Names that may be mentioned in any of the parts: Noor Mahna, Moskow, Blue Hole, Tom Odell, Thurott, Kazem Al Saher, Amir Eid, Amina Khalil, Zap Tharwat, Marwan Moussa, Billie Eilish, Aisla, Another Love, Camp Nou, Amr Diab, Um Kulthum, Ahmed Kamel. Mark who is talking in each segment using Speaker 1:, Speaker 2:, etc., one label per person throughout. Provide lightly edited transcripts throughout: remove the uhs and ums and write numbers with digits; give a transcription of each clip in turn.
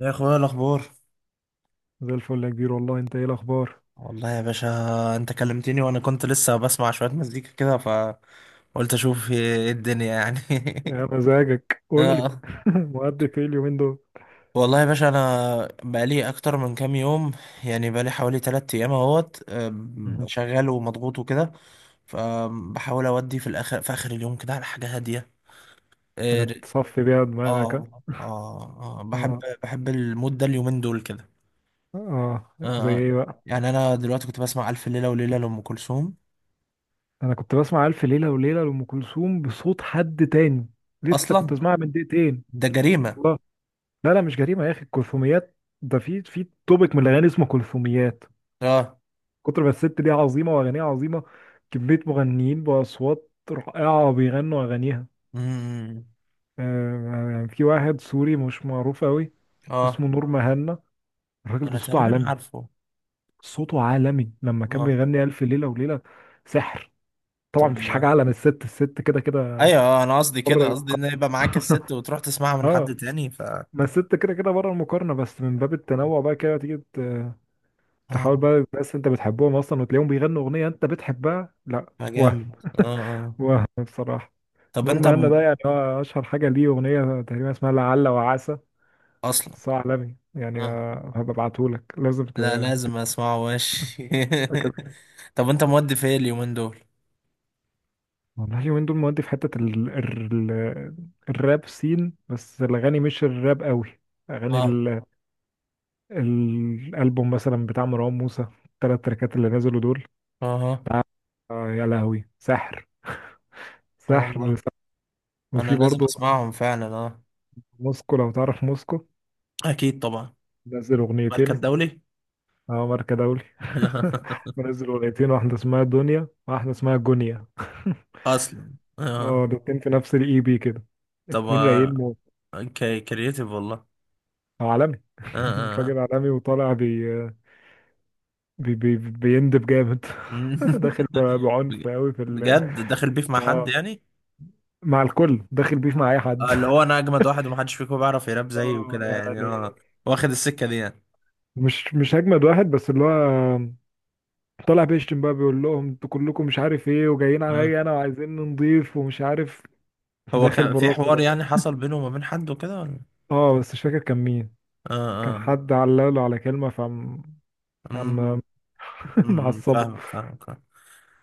Speaker 1: يا اخويا الاخبار.
Speaker 2: زي الفل يا كبير، والله انت ايه الاخبار؟
Speaker 1: والله يا باشا، انت كلمتني وانا كنت لسه بسمع شويه مزيكا كده فقلت اشوف ايه الدنيا يعني.
Speaker 2: يا مزاجك قول لي،
Speaker 1: آه.
Speaker 2: مؤدي في ايه اليومين دول؟
Speaker 1: والله يا باشا، انا بقالي اكتر من كام يوم، يعني بقالي حوالي 3 ايام اهوت آم،
Speaker 2: مهم.
Speaker 1: شغال ومضغوط وكده. فبحاول اودي في اخر اليوم كده على حاجه هاديه.
Speaker 2: حاجه تصفي بيها دماغك، ها؟
Speaker 1: اه اه آه. بحب
Speaker 2: اه،
Speaker 1: بحب المود ده اليومين دول كده.
Speaker 2: اه زي
Speaker 1: آه. آه،
Speaker 2: ايه بقى؟
Speaker 1: يعني انا دلوقتي كنت بسمع الف ليله وليله لام كلثوم.
Speaker 2: انا كنت بسمع الف ليله وليله لام كلثوم بصوت حد تاني. لسه كنت
Speaker 1: اصلا
Speaker 2: اسمعها من دقيقتين.
Speaker 1: ده جريمة.
Speaker 2: والله، لا لا مش جريمه يا اخي. الكلثوميات ده في توبيك من الاغاني اسمه كلثوميات.
Speaker 1: اه
Speaker 2: كتر ما الست دي عظيمه واغانيها عظيمه، كميه مغنيين باصوات رائعه بيغنوا اغانيها.
Speaker 1: امم
Speaker 2: يعني في واحد سوري مش معروف قوي،
Speaker 1: اه
Speaker 2: اسمه نور مهنا. الراجل ده
Speaker 1: انا
Speaker 2: صوته
Speaker 1: تقريبا
Speaker 2: عالمي،
Speaker 1: عارفه.
Speaker 2: صوته عالمي لما كان
Speaker 1: اه
Speaker 2: بيغني ألف ليلة وليلة، سحر. طبعا
Speaker 1: طب
Speaker 2: مفيش حاجة
Speaker 1: والله،
Speaker 2: أعلى من الست، الست كده كده
Speaker 1: ايوه انا قصدي
Speaker 2: بره
Speaker 1: كده، قصدي ان يبقى معاك الست وتروح تسمعها من
Speaker 2: اه،
Speaker 1: حد تاني ف.
Speaker 2: ما الست كده كده بره المقارنة، بس من باب التنوع بقى كده تيجي
Speaker 1: اه
Speaker 2: تحاول بقى، الناس انت بتحبهم اصلا وتلاقيهم بيغنوا اغنية انت بتحبها، لا وهم
Speaker 1: فجامد. اه اه
Speaker 2: وهم بصراحة.
Speaker 1: طب
Speaker 2: نور
Speaker 1: انت
Speaker 2: مهنا ده يعني هو اشهر حاجة ليه اغنية تقريبا اسمها لعل وعسى،
Speaker 1: اصلا
Speaker 2: بس هو عالمي يعني.
Speaker 1: اه
Speaker 2: هبقى ابعتهولك، لازم
Speaker 1: لا لازم اسمعه ماشي. طب انت مودي في ايه اليومين دول؟
Speaker 2: والله اليومين دول مودي في حتة الراب سين، بس الأغاني مش الراب قوي. أغاني
Speaker 1: اه
Speaker 2: الألبوم مثلا بتاع مروان موسى، التلات تراكات اللي نزلوا دول
Speaker 1: اه
Speaker 2: ده. يا لهوي سحر.
Speaker 1: اه
Speaker 2: سحر،
Speaker 1: والله
Speaker 2: سحر.
Speaker 1: انا
Speaker 2: وفي
Speaker 1: لازم
Speaker 2: برضه
Speaker 1: اسمعهم فعلا. اه
Speaker 2: موسكو، لو تعرف موسكو،
Speaker 1: اكيد طبعا.
Speaker 2: نزل
Speaker 1: مركز
Speaker 2: أغنيتين.
Speaker 1: دولي.
Speaker 2: اه، ماركة دولي منزل أغنيتين، واحدة اسمها دنيا واحدة اسمها جونيا
Speaker 1: اصلا اه
Speaker 2: اه، الاتنين في نفس الاي بي كده،
Speaker 1: طب
Speaker 2: اتنين رايقين موت.
Speaker 1: اوكي كرييتيف والله.
Speaker 2: عالمي
Speaker 1: آه، آه، آه.
Speaker 2: الراجل عالمي وطالع بي بي بي بيندب جامد. داخل بعنف
Speaker 1: بج-
Speaker 2: قوي في ال
Speaker 1: بجد داخل بيف مع حد
Speaker 2: اه،
Speaker 1: يعني؟
Speaker 2: مع الكل داخل بيف مع اي حد.
Speaker 1: اللي هو انا اجمد واحد ومحدش فيكم بيعرف يراب زيي
Speaker 2: اه
Speaker 1: وكده يعني،
Speaker 2: يعني
Speaker 1: اه واخد السكة دي يعني.
Speaker 2: مش اجمد واحد، بس اللي هو طالع بيشتم بقى، بيقول لهم انتوا كلكم مش عارف ايه وجايين
Speaker 1: اه
Speaker 2: عليا انا وعايزين نضيف ومش عارف.
Speaker 1: هو
Speaker 2: داخل
Speaker 1: كان في
Speaker 2: براسه.
Speaker 1: حوار يعني حصل بينه وما بين حد وكده ولا؟
Speaker 2: اه، بس مش فاكر كان مين.
Speaker 1: اه
Speaker 2: كان
Speaker 1: اه
Speaker 2: حد علاله على كلمة فم
Speaker 1: امم
Speaker 2: عم معصبه.
Speaker 1: فاهم فاهم.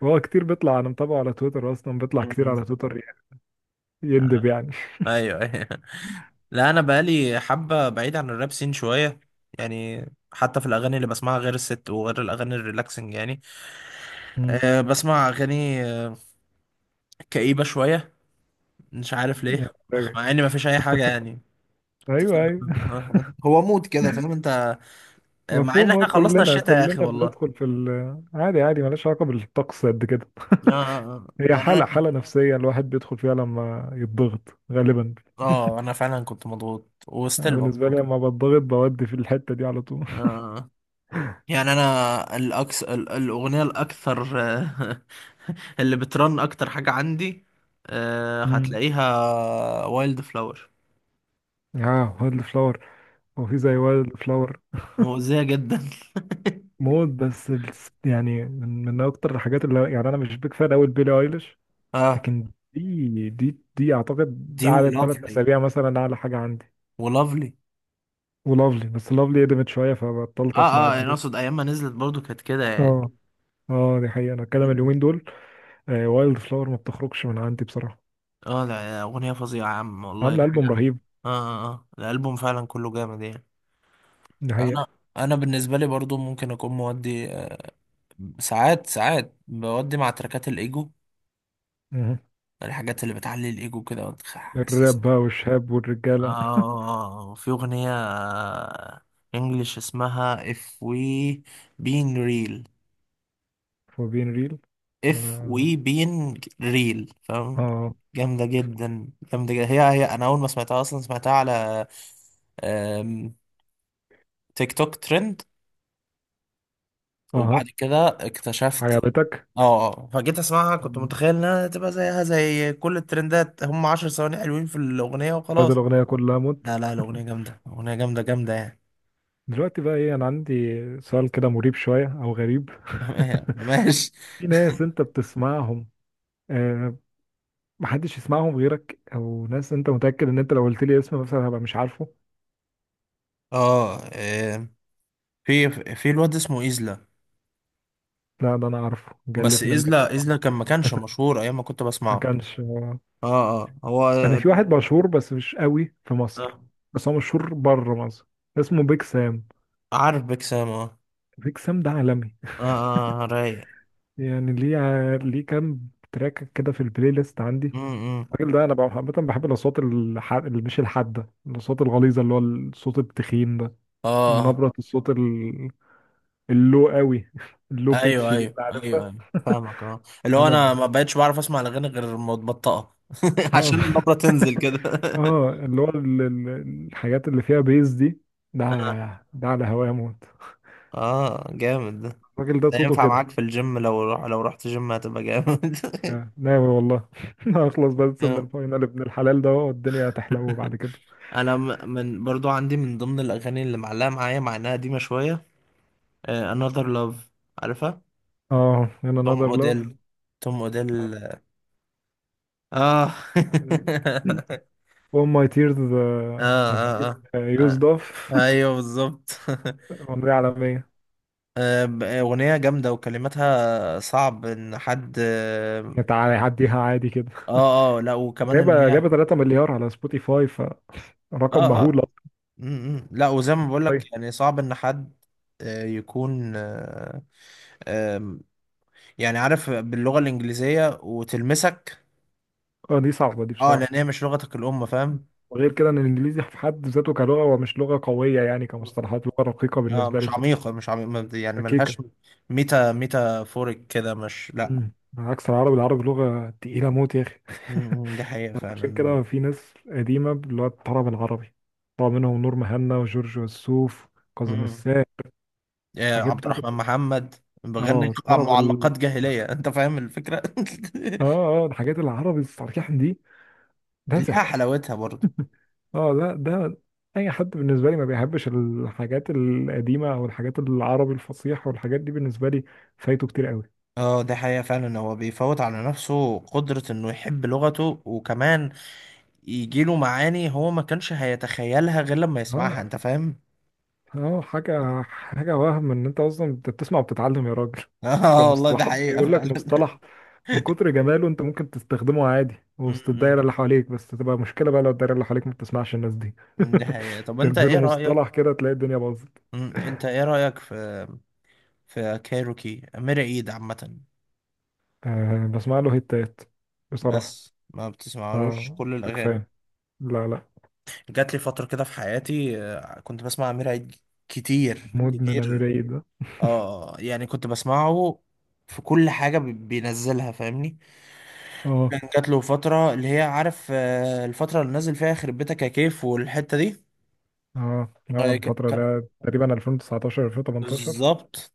Speaker 2: وهو كتير بيطلع، انا متابعه على تويتر، اصلا بيطلع كتير على تويتر يعني، يندب يعني.
Speaker 1: ايوه ايوه لا، انا بقالي حبة بعيد عن الراب سين شوية يعني. حتى في الاغاني اللي بسمعها غير الست وغير الاغاني الريلاكسنج يعني.
Speaker 2: مم.
Speaker 1: أه بسمع اغاني كئيبة شوية، مش عارف ليه،
Speaker 2: يعني
Speaker 1: مع ان مفيش اي حاجه يعني
Speaker 2: ايوه،
Speaker 1: بتسبب.
Speaker 2: ايوه.
Speaker 1: هو مود كده فاهم انت؟ مع ان
Speaker 2: مفهوم،
Speaker 1: احنا خلصنا
Speaker 2: كلنا
Speaker 1: الشتاء يا
Speaker 2: كلنا
Speaker 1: اخي والله.
Speaker 2: بندخل في ال. عادي عادي ملهاش علاقة بالطقس قد كده.
Speaker 1: اه
Speaker 2: هي
Speaker 1: يعني انا
Speaker 2: حالة
Speaker 1: كده.
Speaker 2: حالة نفسية الواحد بيدخل فيها لما يتضغط غالبا.
Speaker 1: اه انا فعلا كنت مضغوط وستيل
Speaker 2: بالنسبة لي
Speaker 1: مضغوط.
Speaker 2: لما بتضغط بودي في الحتة دي على طول.
Speaker 1: آه. يعني انا الاغنيه الاكثر اللي بترن اكتر حاجه عندي،
Speaker 2: امم
Speaker 1: هتلاقيها وايلد فلاور.
Speaker 2: اه، وايلد فلاور. هو في زي وايلد فلاور
Speaker 1: مؤذيه جدا.
Speaker 2: موت، بس يعني من اكتر الحاجات اللي يعني انا مش بيك فان قوي بيلي ايليش.
Speaker 1: اه
Speaker 2: لكن دي اعتقد
Speaker 1: دي
Speaker 2: قعدت ثلاث
Speaker 1: ولافلي.
Speaker 2: اسابيع مثلا اعلى حاجة عندي،
Speaker 1: ولافلي.
Speaker 2: ولافلي. بس لافلي قدمت شوية
Speaker 1: اه
Speaker 2: فبطلت اسمع
Speaker 1: اه
Speaker 2: قد
Speaker 1: يعني
Speaker 2: كده.
Speaker 1: اقصد ايام ما نزلت برضو كانت كده يعني.
Speaker 2: اه، اه، دي حقيقة. انا الكلام اليومين دول، وايلد فلاور ما بتخرجش من عندي بصراحة.
Speaker 1: اه لا اغنيه فظيعه يا عم والله
Speaker 2: عاملة
Speaker 1: حاجه.
Speaker 2: ألبوم
Speaker 1: اه
Speaker 2: رهيب،
Speaker 1: اه اه الالبوم فعلا كله جامد يعني.
Speaker 2: دي
Speaker 1: انا
Speaker 2: حقيقة.
Speaker 1: انا بالنسبه لي برضو ممكن اكون مودي ساعات بودي مع تركات الايجو،
Speaker 2: مه.
Speaker 1: الحاجات اللي بتعلي الايجو كده وتحسسك.
Speaker 2: الراب بقى والشاب
Speaker 1: اه
Speaker 2: والرجالة.
Speaker 1: في اغنيه انجلش اسمها if we being real.
Speaker 2: وبين ريل.
Speaker 1: اف
Speaker 2: اه،
Speaker 1: وي بين ريل، فاهم؟
Speaker 2: اه،
Speaker 1: جامده جدا، جامده جدا. هي انا اول ما سمعتها اصلا سمعتها على آم، تيك توك ترند، وبعد
Speaker 2: آه.
Speaker 1: كده اكتشفت.
Speaker 2: عجبتك
Speaker 1: اه اه فجيت اسمعها كنت متخيل انها تبقى زيها زي كل الترندات، هم عشر ثواني حلوين في الاغنيه
Speaker 2: بدل
Speaker 1: وخلاص.
Speaker 2: الأغنية كلها موت.
Speaker 1: لا لا، الاغنيه جامده، اغنيه جامده جامده يعني.
Speaker 2: دلوقتي بقى ايه؟ انا عندي سؤال كده مريب شوية او غريب.
Speaker 1: ماشي.
Speaker 2: في ناس انت بتسمعهم، آه محدش يسمعهم غيرك، او ناس انت متأكد ان انت لو قلت لي اسم مثلا هبقى مش عارفه.
Speaker 1: اه في في الواد اسمه ايزلا.
Speaker 2: لا، ده انا عارفه
Speaker 1: بس
Speaker 2: جلت منك
Speaker 1: ايزلا
Speaker 2: ده.
Speaker 1: ايزلا كان ما كانش مشهور ايام ما كنت
Speaker 2: ما
Speaker 1: بسمعه.
Speaker 2: كانش.
Speaker 1: اه اه هو
Speaker 2: انا في واحد مشهور، بس مش قوي في مصر،
Speaker 1: اه
Speaker 2: بس هو مشهور بره مصر، اسمه بيك سام.
Speaker 1: عارف بكسام. اه
Speaker 2: بيك سام ده عالمي.
Speaker 1: اه اه رايق.
Speaker 2: يعني ليه كام تراك كده في البلاي ليست عندي.
Speaker 1: امم
Speaker 2: الراجل ده انا عامه بحب الاصوات اللي مش الحاده، الاصوات الغليظه، اللي هو الصوت التخين ده،
Speaker 1: اه
Speaker 2: نبره الصوت اللو قوي. اللو
Speaker 1: ايوه
Speaker 2: بيتش دي
Speaker 1: ايوه
Speaker 2: انت
Speaker 1: ايوه
Speaker 2: عارفها؟
Speaker 1: ايوه فاهمك. اه اللي هو
Speaker 2: انا،
Speaker 1: انا ما بقتش بعرف اسمع الاغاني غير متبطئه عشان
Speaker 2: اه،
Speaker 1: النبرة تنزل كده.
Speaker 2: اه، اللي هو الحاجات اللي فيها بيز دي، ده.
Speaker 1: آه.
Speaker 2: ده على هوايا موت.
Speaker 1: اه جامد ده.
Speaker 2: الراجل ده
Speaker 1: ده
Speaker 2: صوته
Speaker 1: ينفع
Speaker 2: كده،
Speaker 1: معاك في الجيم، لو روح لو رحت جيم هتبقى جامد.
Speaker 2: ناوي والله. هخلص بس من
Speaker 1: آه.
Speaker 2: الفاينل ابن الحلال ده، والدنيا هتحلو بعد كده.
Speaker 1: انا من برضو عندي من ضمن الاغاني اللي معلقه معايا مع انها قديمه شويه، Another Love، عارفها؟
Speaker 2: اه in
Speaker 1: توم
Speaker 2: another love.
Speaker 1: اوديل. توم اوديل. اه
Speaker 2: All my tears
Speaker 1: اه
Speaker 2: have been
Speaker 1: اه
Speaker 2: used
Speaker 1: اه
Speaker 2: off.
Speaker 1: ايوه بالظبط.
Speaker 2: ممضية عالمية.
Speaker 1: اغنيه جامده وكلماتها صعب ان حد اه.
Speaker 2: تعالى عديها عادي كده،
Speaker 1: اه لا وكمان ان
Speaker 2: جايبة
Speaker 1: هي اه.
Speaker 2: جايبة 3 مليار على سبوتيفاي، فرقم مهول.
Speaker 1: اه م- م. لا وزي ما بقول
Speaker 2: أصلاً.
Speaker 1: لك يعني صعب ان حد يكون آه، آم، يعني عارف باللغه الانجليزيه وتلمسك.
Speaker 2: اه دي صعبة دي
Speaker 1: اه
Speaker 2: بصراحة.
Speaker 1: لان هي مش لغتك الام، فاهم؟
Speaker 2: وغير كده ان الانجليزي في حد ذاته كلغة، ومش لغة قوية يعني، كمصطلحات لغة رقيقة
Speaker 1: اه
Speaker 2: بالنسبة لي
Speaker 1: مش
Speaker 2: بصراحة،
Speaker 1: عميقه، مش عميقه يعني ملهاش
Speaker 2: ركيكة.
Speaker 1: ميتا، ميتافوريك كده، مش لا.
Speaker 2: مم. عكس العربي، العربي لغة تقيلة موت يا اخي.
Speaker 1: ده حقيقة
Speaker 2: عشان
Speaker 1: فعلا.
Speaker 2: كده في ناس قديمة اللي هو الطرب العربي، طبعا منهم نور مهنا وجورج وسوف، كاظم
Speaker 1: امم
Speaker 2: الساهر.
Speaker 1: يا
Speaker 2: الحاجات
Speaker 1: عبد
Speaker 2: بتاعت
Speaker 1: الرحمن محمد
Speaker 2: اه
Speaker 1: بغني
Speaker 2: الطرب ال...
Speaker 1: معلقات جاهلية. انت فاهم الفكرة؟
Speaker 2: اه اه الحاجات العربي الصحيح دي، ده
Speaker 1: ليها
Speaker 2: سحر.
Speaker 1: حلاوتها برضه.
Speaker 2: اه، لا ده اي حد بالنسبة لي ما بيحبش الحاجات القديمة او الحاجات العربي الفصيح والحاجات دي، بالنسبة لي فايته كتير قوي.
Speaker 1: اه ده حقيقة فعلا، هو بيفوت على نفسه قدرة انه يحب لغته وكمان يجيله معاني هو ما كانش هيتخيلها غير لما
Speaker 2: اه،
Speaker 1: يسمعها، انت فاهم؟
Speaker 2: اه، حاجة حاجة وهم ان انت اصلا انت بتسمع وبتتعلم يا راجل.
Speaker 1: اه والله ده
Speaker 2: كمصطلحات
Speaker 1: حقيقة
Speaker 2: بيقول لك
Speaker 1: فعلا.
Speaker 2: مصطلح من كتر جماله انت ممكن تستخدمه عادي وسط
Speaker 1: امم
Speaker 2: الدايرة اللي حواليك، بس تبقى مشكلة بقى لو الدايرة اللي حواليك ما بتسمعش الناس دي.
Speaker 1: ده حقيقة. طب انت
Speaker 2: ترمي له
Speaker 1: ايه
Speaker 2: مصطلح
Speaker 1: رأيك،
Speaker 2: كده تلاقي الدنيا باظت.
Speaker 1: انت ايه رأيك في كايروكي أمير عيد عامة؟
Speaker 2: أه بسمع له هيتات بصراحة.
Speaker 1: بس ما بتسمعلوش
Speaker 2: أه
Speaker 1: كل
Speaker 2: مش بيك
Speaker 1: الاغاني.
Speaker 2: فان. لا لا،
Speaker 1: جات لي فتره كده في حياتي كنت بسمع امير عيد كتير
Speaker 2: مدمن أمير
Speaker 1: كتير.
Speaker 2: عيد ده.
Speaker 1: اه يعني كنت بسمعه في كل حاجه بينزلها فاهمني.
Speaker 2: اه،
Speaker 1: كان جات له فتره اللي هي، عارف الفتره اللي نزل فيها خرب بيتك يا كيف والحته دي.
Speaker 2: اه، اه،
Speaker 1: آه، ك-
Speaker 2: الفترة
Speaker 1: ك-
Speaker 2: ده تقريبا 2019، 2018.
Speaker 1: بالظبط.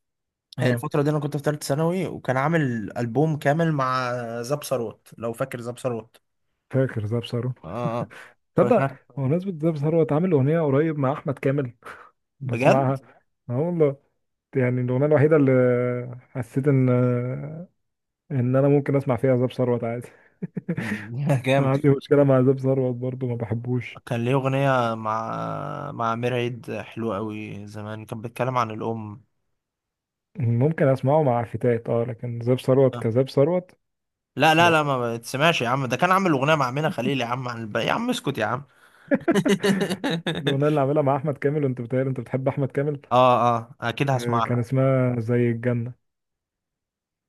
Speaker 1: هي
Speaker 2: اه
Speaker 1: الفتره دي انا كنت في ثالثه ثانوي، وكان عامل البوم كامل مع زاب ثروت، لو فاكر زاب ثروت.
Speaker 2: فاكر ده.
Speaker 1: اه آه.
Speaker 2: تصدق،
Speaker 1: فاكر؟
Speaker 2: بمناسبة ده ثروت عامل أغنية قريب مع أحمد كامل
Speaker 1: بجد.
Speaker 2: بسمعها. اه والله. يعني الأغنية الوحيدة اللي حسيت إن أنا ممكن أسمع فيها زاب ثروت عادي. أنا
Speaker 1: جامد.
Speaker 2: عندي مشكلة مع زاب ثروت برضو، ما بحبوش.
Speaker 1: كان ليه أغنية مع أمير عيد حلوة أوي زمان، كان بيتكلم عن الأم.
Speaker 2: ممكن أسمعه مع فتات أه، لكن زاب ثروت
Speaker 1: أه.
Speaker 2: كزاب ثروت،
Speaker 1: لا لا
Speaker 2: لا.
Speaker 1: لا، ما بتسمعش يا عم، ده كان عامل أغنية مع أمينة خليل يا عم عن يا عم اسكت يا عم.
Speaker 2: الأغنية اللي عاملها مع أحمد كامل، وأنت بتهيألي أنت بتحب أحمد كامل.
Speaker 1: اه اه أكيد
Speaker 2: كان
Speaker 1: هسمعها.
Speaker 2: اسمها زي الجنة.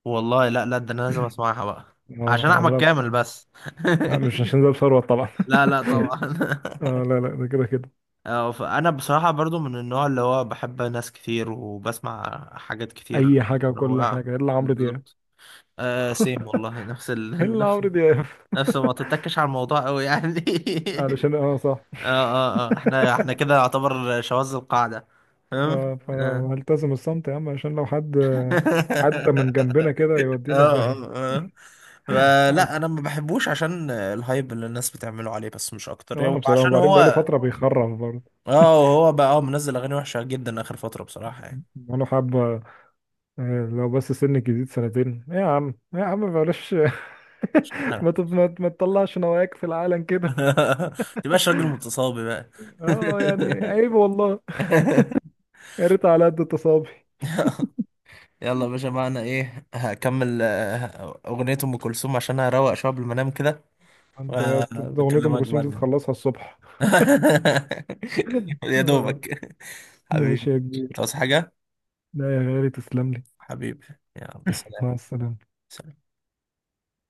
Speaker 1: والله لا لا، ده أنا لازم أسمعها بقى
Speaker 2: أه
Speaker 1: عشان
Speaker 2: كان
Speaker 1: أحمد
Speaker 2: عاملها.
Speaker 1: كامل بس.
Speaker 2: لا مش عشان زاب ثروت طبعا.
Speaker 1: لا لا طبعا.
Speaker 2: لا لا، ده كده كده.
Speaker 1: اه فأنا بصراحة برضو من النوع اللي هو بحب ناس كتير وبسمع حاجات كتير.
Speaker 2: أي حاجة وكل
Speaker 1: روعة.
Speaker 2: حاجة إلا عمرو دياب.
Speaker 1: بالظبط. آه سيم والله، نفس ال...
Speaker 2: الا
Speaker 1: نفس
Speaker 2: عمرو دياب.
Speaker 1: نفسه، ما تتكش على الموضوع قوي يعني.
Speaker 2: علشان صح.
Speaker 1: اه اه اه، احنا كده يعتبر شواذ القاعدة، فاهم؟
Speaker 2: اه،
Speaker 1: اه
Speaker 2: فانا هلتزم الصمت يا عم عشان لو حد عدى من جنبنا كده
Speaker 1: اه
Speaker 2: يودينا في
Speaker 1: اه
Speaker 2: داهية.
Speaker 1: آه. فلا،
Speaker 2: عد-
Speaker 1: انا ما بحبوش عشان الهايب اللي الناس بتعمله عليه بس، مش اكتر.
Speaker 2: وانا بصراحة،
Speaker 1: وعشان
Speaker 2: وبعدين بقاله
Speaker 1: هو
Speaker 2: فترة بيخرف برضه.
Speaker 1: اه هو بقى اه منزل اغاني وحشة جدا اخر فترة بصراحة يعني.
Speaker 2: بقاله حبة. لو بس سن جديد سنتين، إيه يا عم إيه يا عم بلاش. ما تط-
Speaker 1: عارف.
Speaker 2: ما ما تطلعش نواياك في العالم كده.
Speaker 1: متبقاش راجل متصابي بقى.
Speaker 2: اه يعني عيب والله. يا ريت على قد تصابي.
Speaker 1: يلا يا باشا، معنا ايه، هكمل اغنية ام كلثوم عشان اروق شوية قبل ما انام كده.
Speaker 2: أنت اغنية ام
Speaker 1: بكلمك
Speaker 2: كلثوم دي
Speaker 1: بعدين.
Speaker 2: تخلصها الصبح.
Speaker 1: يا
Speaker 2: آه،
Speaker 1: دوبك.
Speaker 2: ماشي
Speaker 1: حبيبي.
Speaker 2: يا كبير.
Speaker 1: تعوز حاجة؟
Speaker 2: لا يا غالي تسلم لي.
Speaker 1: حبيبي، يلا سلام.
Speaker 2: مع السلامة.
Speaker 1: سلام.